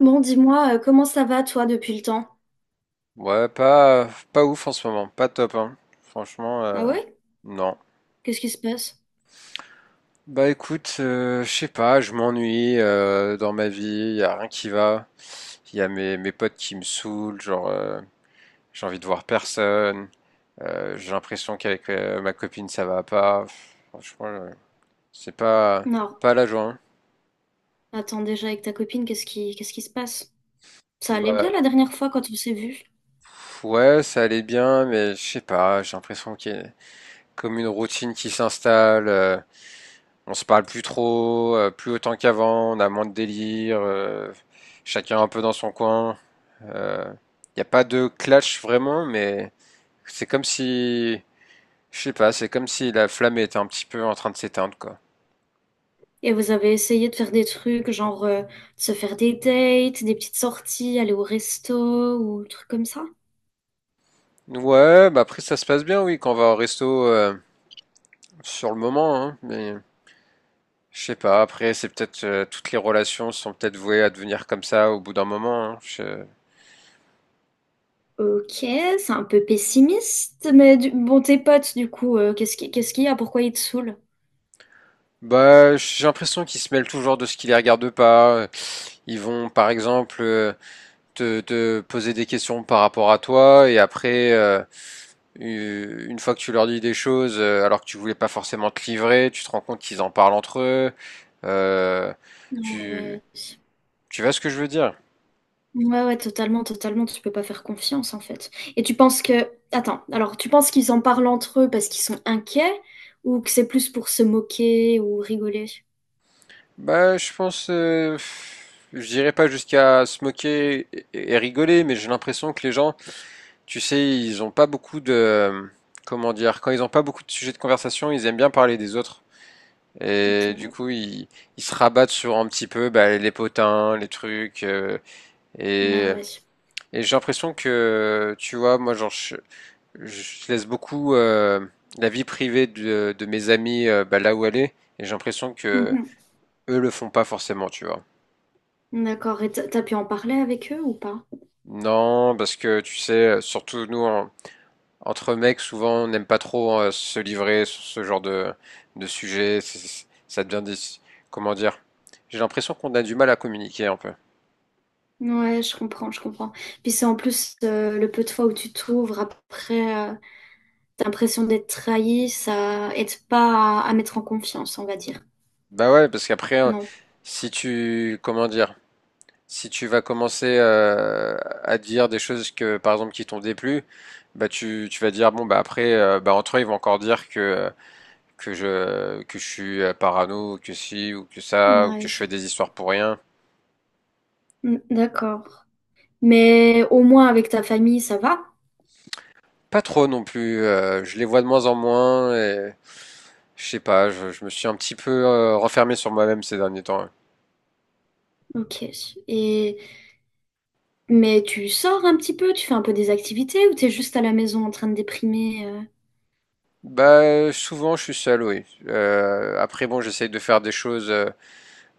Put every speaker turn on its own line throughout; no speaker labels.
Bon, dis-moi, comment ça va toi depuis le temps?
Ouais, pas ouf en ce moment, pas top, hein. Franchement,
Ah ouais?
non.
Qu'est-ce qui se passe?
Bah écoute, je sais pas, je m'ennuie dans ma vie, y a rien qui va. Il y a mes potes qui me saoulent, genre j'ai envie de voir personne, j'ai l'impression qu'avec ma copine ça va pas. Pff, franchement, c'est pas,
Non,
pas la joie, hein.
attends déjà avec ta copine, qu'est-ce qui se passe? Ça allait
Bah
bien la dernière fois quand on s'est vus?
pff, ouais, ça allait bien, mais je sais pas, j'ai l'impression qu'il y a comme une routine qui s'installe, on se parle plus trop, plus autant qu'avant, on a moins de délire, chacun un peu dans son coin. Il n'y a pas de clash vraiment, mais c'est comme si, je sais pas, c'est comme si la flamme était un petit peu en train de s'éteindre, quoi.
Et vous avez essayé de faire des trucs, genre de se faire des dates, des petites sorties, aller au resto ou des trucs comme ça?
Ouais, bah après ça se passe bien, oui, quand on va au resto sur le moment, hein, mais je sais pas, après c'est peut-être toutes les relations sont peut-être vouées à devenir comme ça au bout d'un moment, hein.
Ok, c'est un peu pessimiste, mais bon, tes potes, du coup, qu'est-ce qu'il y a? Pourquoi ils te saoulent?
Bah j'ai l'impression qu'ils se mêlent toujours de ce qui les regarde pas. Ils vont par exemple te poser des questions par rapport à toi et après une fois que tu leur dis des choses alors que tu voulais pas forcément te livrer, tu te rends compte qu'ils en parlent entre eux. Euh,
Ah
tu
ouais.
tu vois ce que je veux dire?
Ouais, ouais, totalement, totalement, tu peux pas faire confiance en fait. Et tu penses que... Attends, alors tu penses qu'ils en parlent entre eux parce qu'ils sont inquiets ou que c'est plus pour se moquer ou rigoler?
Bah je pense je dirais pas jusqu'à se moquer et rigoler, mais j'ai l'impression que les gens, tu sais, ils ont pas beaucoup de, comment dire, quand ils ont pas beaucoup de sujets de conversation, ils aiment bien parler des autres.
C'est
Et du
vrai.
coup, ils, se rabattent sur un petit peu, bah, les potins, les trucs,
Ah
et
ouais.
et j'ai l'impression que, tu vois, moi, genre, je laisse beaucoup la vie privée de mes amis bah, là où elle est. Et j'ai l'impression que
Mhm.
eux le font pas forcément, tu vois.
D'accord, et t'as pu en parler avec eux ou pas?
Non, parce que, tu sais, surtout nous, entre mecs, souvent, on n'aime pas trop se livrer sur ce genre de sujet. Ça devient des... Comment dire? J'ai l'impression qu'on a du mal à communiquer un peu.
Ouais, je comprends, je comprends. Puis c'est en plus le peu de fois où tu t'ouvres après, t'as l'impression d'être trahi, ça aide pas à mettre en confiance, on va dire.
Bah ouais, parce qu'après, hein,
Non.
si tu, comment dire, si tu vas commencer à dire des choses que, par exemple, qui t'ont déplu, bah tu vas dire bon bah après, bah entre eux ils vont encore dire que que je suis parano, ou que si ou que ça, ou que je
Ouais.
fais des histoires pour rien.
Mm, d'accord. Mais au moins avec ta famille, ça va?
Pas trop non plus, je les vois de moins en moins et je sais pas. Je me suis un petit peu renfermé sur moi-même ces derniers temps, hein.
Ok. Et mais tu sors un petit peu, tu fais un peu des activités ou t'es juste à la maison en train de déprimer?
Bah souvent je suis seul, oui. Après bon, j'essaye de faire des choses,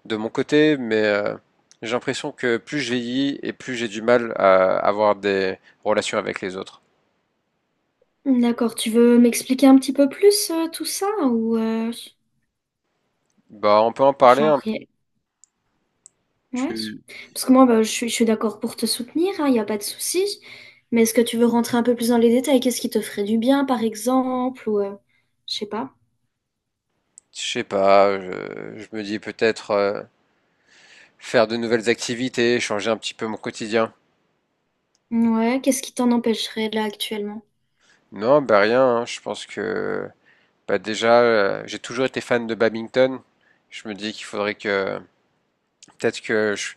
de mon côté, mais j'ai l'impression que plus je vieillis et plus j'ai du mal à avoir des relations avec les autres.
D'accord, tu veux m'expliquer un petit peu plus tout ça ou
Bah, on peut en parler un
genre
peu.
rien- ouais.
Tu,
Parce que moi bah, je suis d'accord pour te soutenir, il n'y a pas de souci. Mais est-ce que tu veux rentrer un peu plus dans les détails? Qu'est-ce qui te ferait du bien par exemple ou je sais pas.
je sais pas, je me dis peut-être faire de nouvelles activités, changer un petit peu mon quotidien.
Ouais, qu'est-ce qui t'en empêcherait là actuellement?
Non, bah rien, hein, je pense que bah déjà, j'ai toujours été fan de badminton. Je me dis qu'il faudrait que peut-être que je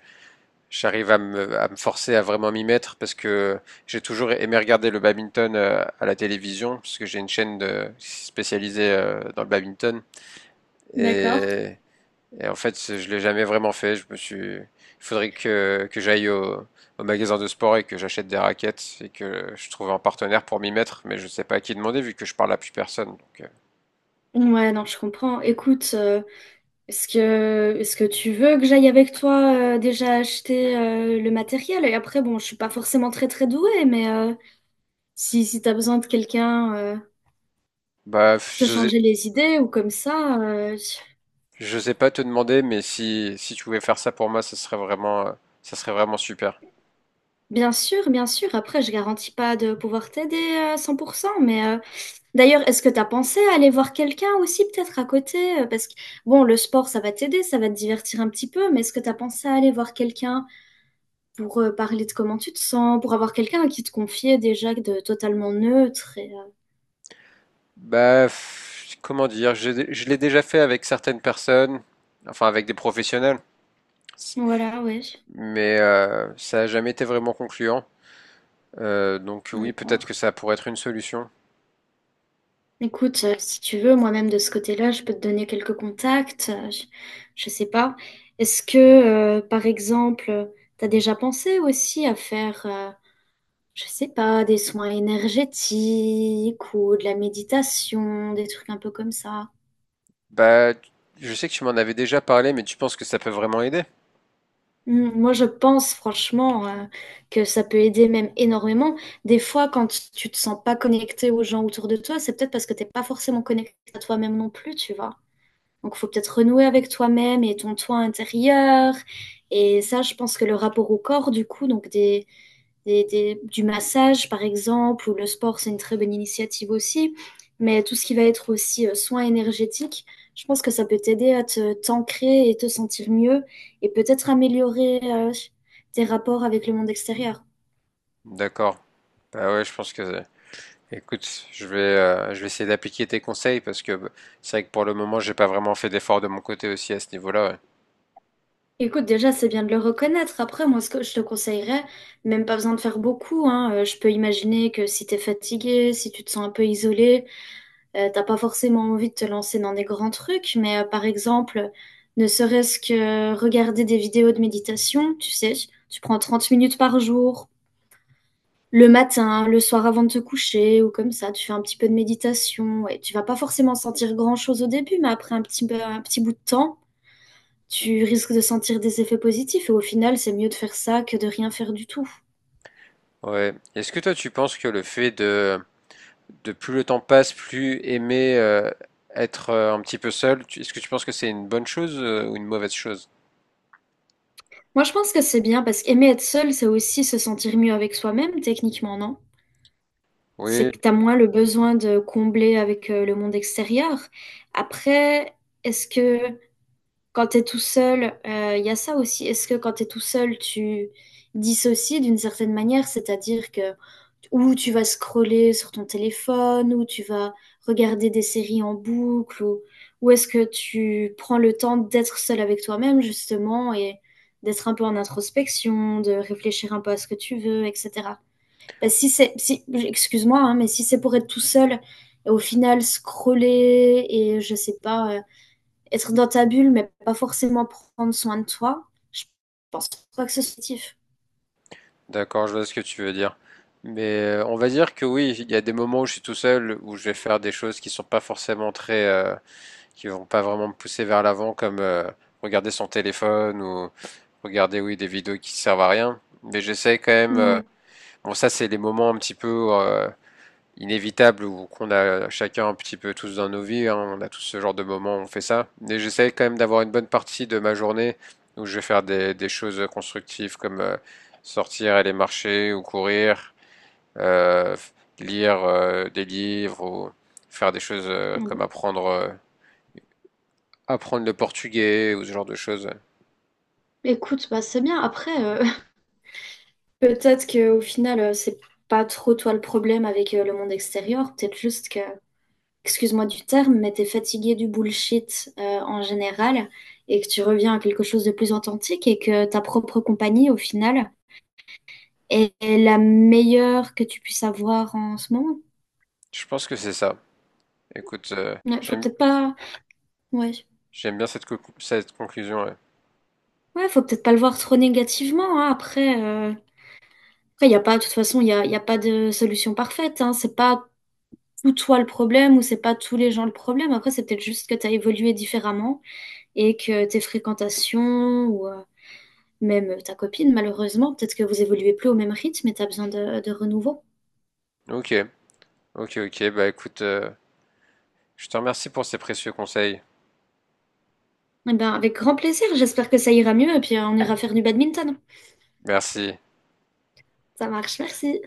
j'arrive à me forcer à vraiment m'y mettre parce que j'ai toujours aimé regarder le badminton à la télévision parce que j'ai une chaîne, de, spécialisée dans le badminton
D'accord.
et, et en fait je l'ai jamais vraiment fait. Il faudrait que j'aille au magasin de sport et que j'achète des raquettes et que je trouve un partenaire pour m'y mettre, mais je sais pas à qui demander vu que je parle à plus personne. Donc,
Ouais, non, je comprends. Écoute. Est-ce que tu veux que j'aille avec toi déjà acheter le matériel? Et après, bon, je suis pas forcément très très douée, mais si t'as besoin de quelqu'un
bah
pour te changer les idées ou comme ça,
je sais pas te demander, mais si tu pouvais faire ça pour moi, ça serait vraiment super.
bien sûr, bien sûr. Après, je garantis pas de pouvoir t'aider à 100%, mais d'ailleurs, est-ce que t'as pensé à aller voir quelqu'un aussi peut-être à côté? Parce que, bon, le sport, ça va t'aider, ça va te divertir un petit peu, mais est-ce que t'as pensé à aller voir quelqu'un pour parler de comment tu te sens, pour avoir quelqu'un à qui te confier déjà de totalement neutre. Et,
Bah, comment dire, je l'ai déjà fait avec certaines personnes, enfin avec des professionnels,
voilà, ouais,
mais ça n'a jamais été vraiment concluant. Donc oui, peut-être que
d'accord.
ça pourrait être une solution.
Écoute, si tu veux, moi-même de ce côté-là, je peux te donner quelques contacts. Je sais pas. Est-ce que, par exemple, t'as déjà pensé aussi à faire, je sais pas, des soins énergétiques ou de la méditation, des trucs un peu comme ça?
Bah, je sais que tu m'en avais déjà parlé, mais tu penses que ça peut vraiment aider?
Hmm, moi, je pense franchement que ça peut aider même énormément. Des fois, quand tu te sens pas connecté aux gens autour de toi, c'est peut-être parce que t'es pas forcément connecté à toi-même non plus, tu vois. Donc, il faut peut-être renouer avec toi-même et ton toi intérieur. Et ça, je pense que le rapport au corps, du coup, du massage, par exemple, ou le sport, c'est une très bonne initiative aussi. Mais tout ce qui va être aussi soin énergétique, je pense que ça peut t'aider à te t'ancrer et te sentir mieux et peut-être améliorer tes rapports avec le monde extérieur.
D'accord. Bah ouais, je pense que. Écoute, je vais essayer d'appliquer tes conseils parce que bah, c'est vrai que pour le moment, j'ai pas vraiment fait d'effort de mon côté aussi à ce niveau-là.
Écoute, déjà, c'est bien de le reconnaître. Après, moi, ce que je te conseillerais, même pas besoin de faire beaucoup, hein. Je peux imaginer que si t'es fatigué, si tu te sens un peu isolé, t'as pas forcément envie de te lancer dans des grands trucs, mais par exemple, ne serait-ce que regarder des vidéos de méditation, tu sais, tu prends 30 minutes par jour, le matin, le soir avant de te coucher, ou comme ça, tu fais un petit peu de méditation, et tu vas pas forcément sentir grand-chose au début, mais après un un petit bout de temps, tu risques de sentir des effets positifs et au final, c'est mieux de faire ça que de rien faire du tout.
Ouais. Ouais. Est-ce que toi, tu penses que le fait de plus le temps passe, plus aimer être un petit peu seul. Est-ce que tu penses que c'est une bonne chose ou une mauvaise chose?
Moi, je pense que c'est bien parce qu'aimer être seul, c'est aussi se sentir mieux avec soi-même, techniquement, non? C'est
Oui,
que t'as moins le besoin de combler avec le monde extérieur. Après, est-ce que quand t'es tout seul, il y a ça aussi. Est-ce que quand t'es tout seul, tu dissocies d'une certaine manière, c'est-à-dire que ou tu vas scroller sur ton téléphone, ou tu vas regarder des séries en boucle, ou est-ce que tu prends le temps d'être seul avec toi-même, justement, et d'être un peu en introspection, de réfléchir un peu à ce que tu veux, etc. Bah, si c'est, si, excuse-moi, hein, mais si c'est pour être tout seul, et au final scroller et je sais pas être dans ta bulle, mais pas forcément prendre soin de toi, je pense pas que c'est positif.
d'accord, je vois ce que tu veux dire. Mais on va dire que oui, il y a des moments où je suis tout seul, où je vais faire des choses qui sont pas forcément très, qui vont pas vraiment me pousser vers l'avant, comme regarder son téléphone ou regarder, oui, des vidéos qui servent à rien. Mais j'essaie quand même,
Ouais.
bon, ça c'est les moments un petit peu, inévitable ou qu'on a chacun un petit peu tous dans nos vies, hein, on a tous ce genre de moments, où on fait ça. Mais j'essaie quand même d'avoir une bonne partie de ma journée où je vais faire des, choses constructives comme sortir, aller marcher ou courir, euh, lire des livres ou faire des choses comme apprendre le portugais ou ce genre de choses.
Écoute, bah c'est bien. Après, peut-être qu'au final, c'est pas trop toi le problème avec le monde extérieur. Peut-être juste que, excuse-moi du terme, mais t'es fatigué du bullshit en général et que tu reviens à quelque chose de plus authentique et que ta propre compagnie, au final, est la meilleure que tu puisses avoir en ce moment.
Je pense que c'est ça. Écoute,
Ouais, faut
j'aime,
peut-être pas. Ouais.
j'aime bien cette conclusion, ouais.
Ouais, faut peut-être pas le voir trop négativement, hein. Après, après, y a pas, de toute façon, y a pas de solution parfaite, hein. C'est pas tout toi le problème ou c'est pas tous les gens le problème. Après, c'est peut-être juste que t'as évolué différemment et que tes fréquentations ou même ta copine, malheureusement, peut-être que vous évoluez plus au même rythme et t'as besoin de renouveau.
Ok, ok, ok. Bah écoute, je te remercie pour ces précieux conseils.
Eh ben, avec grand plaisir. J'espère que ça ira mieux et puis on ira faire du badminton.
Merci.
Ça marche, merci.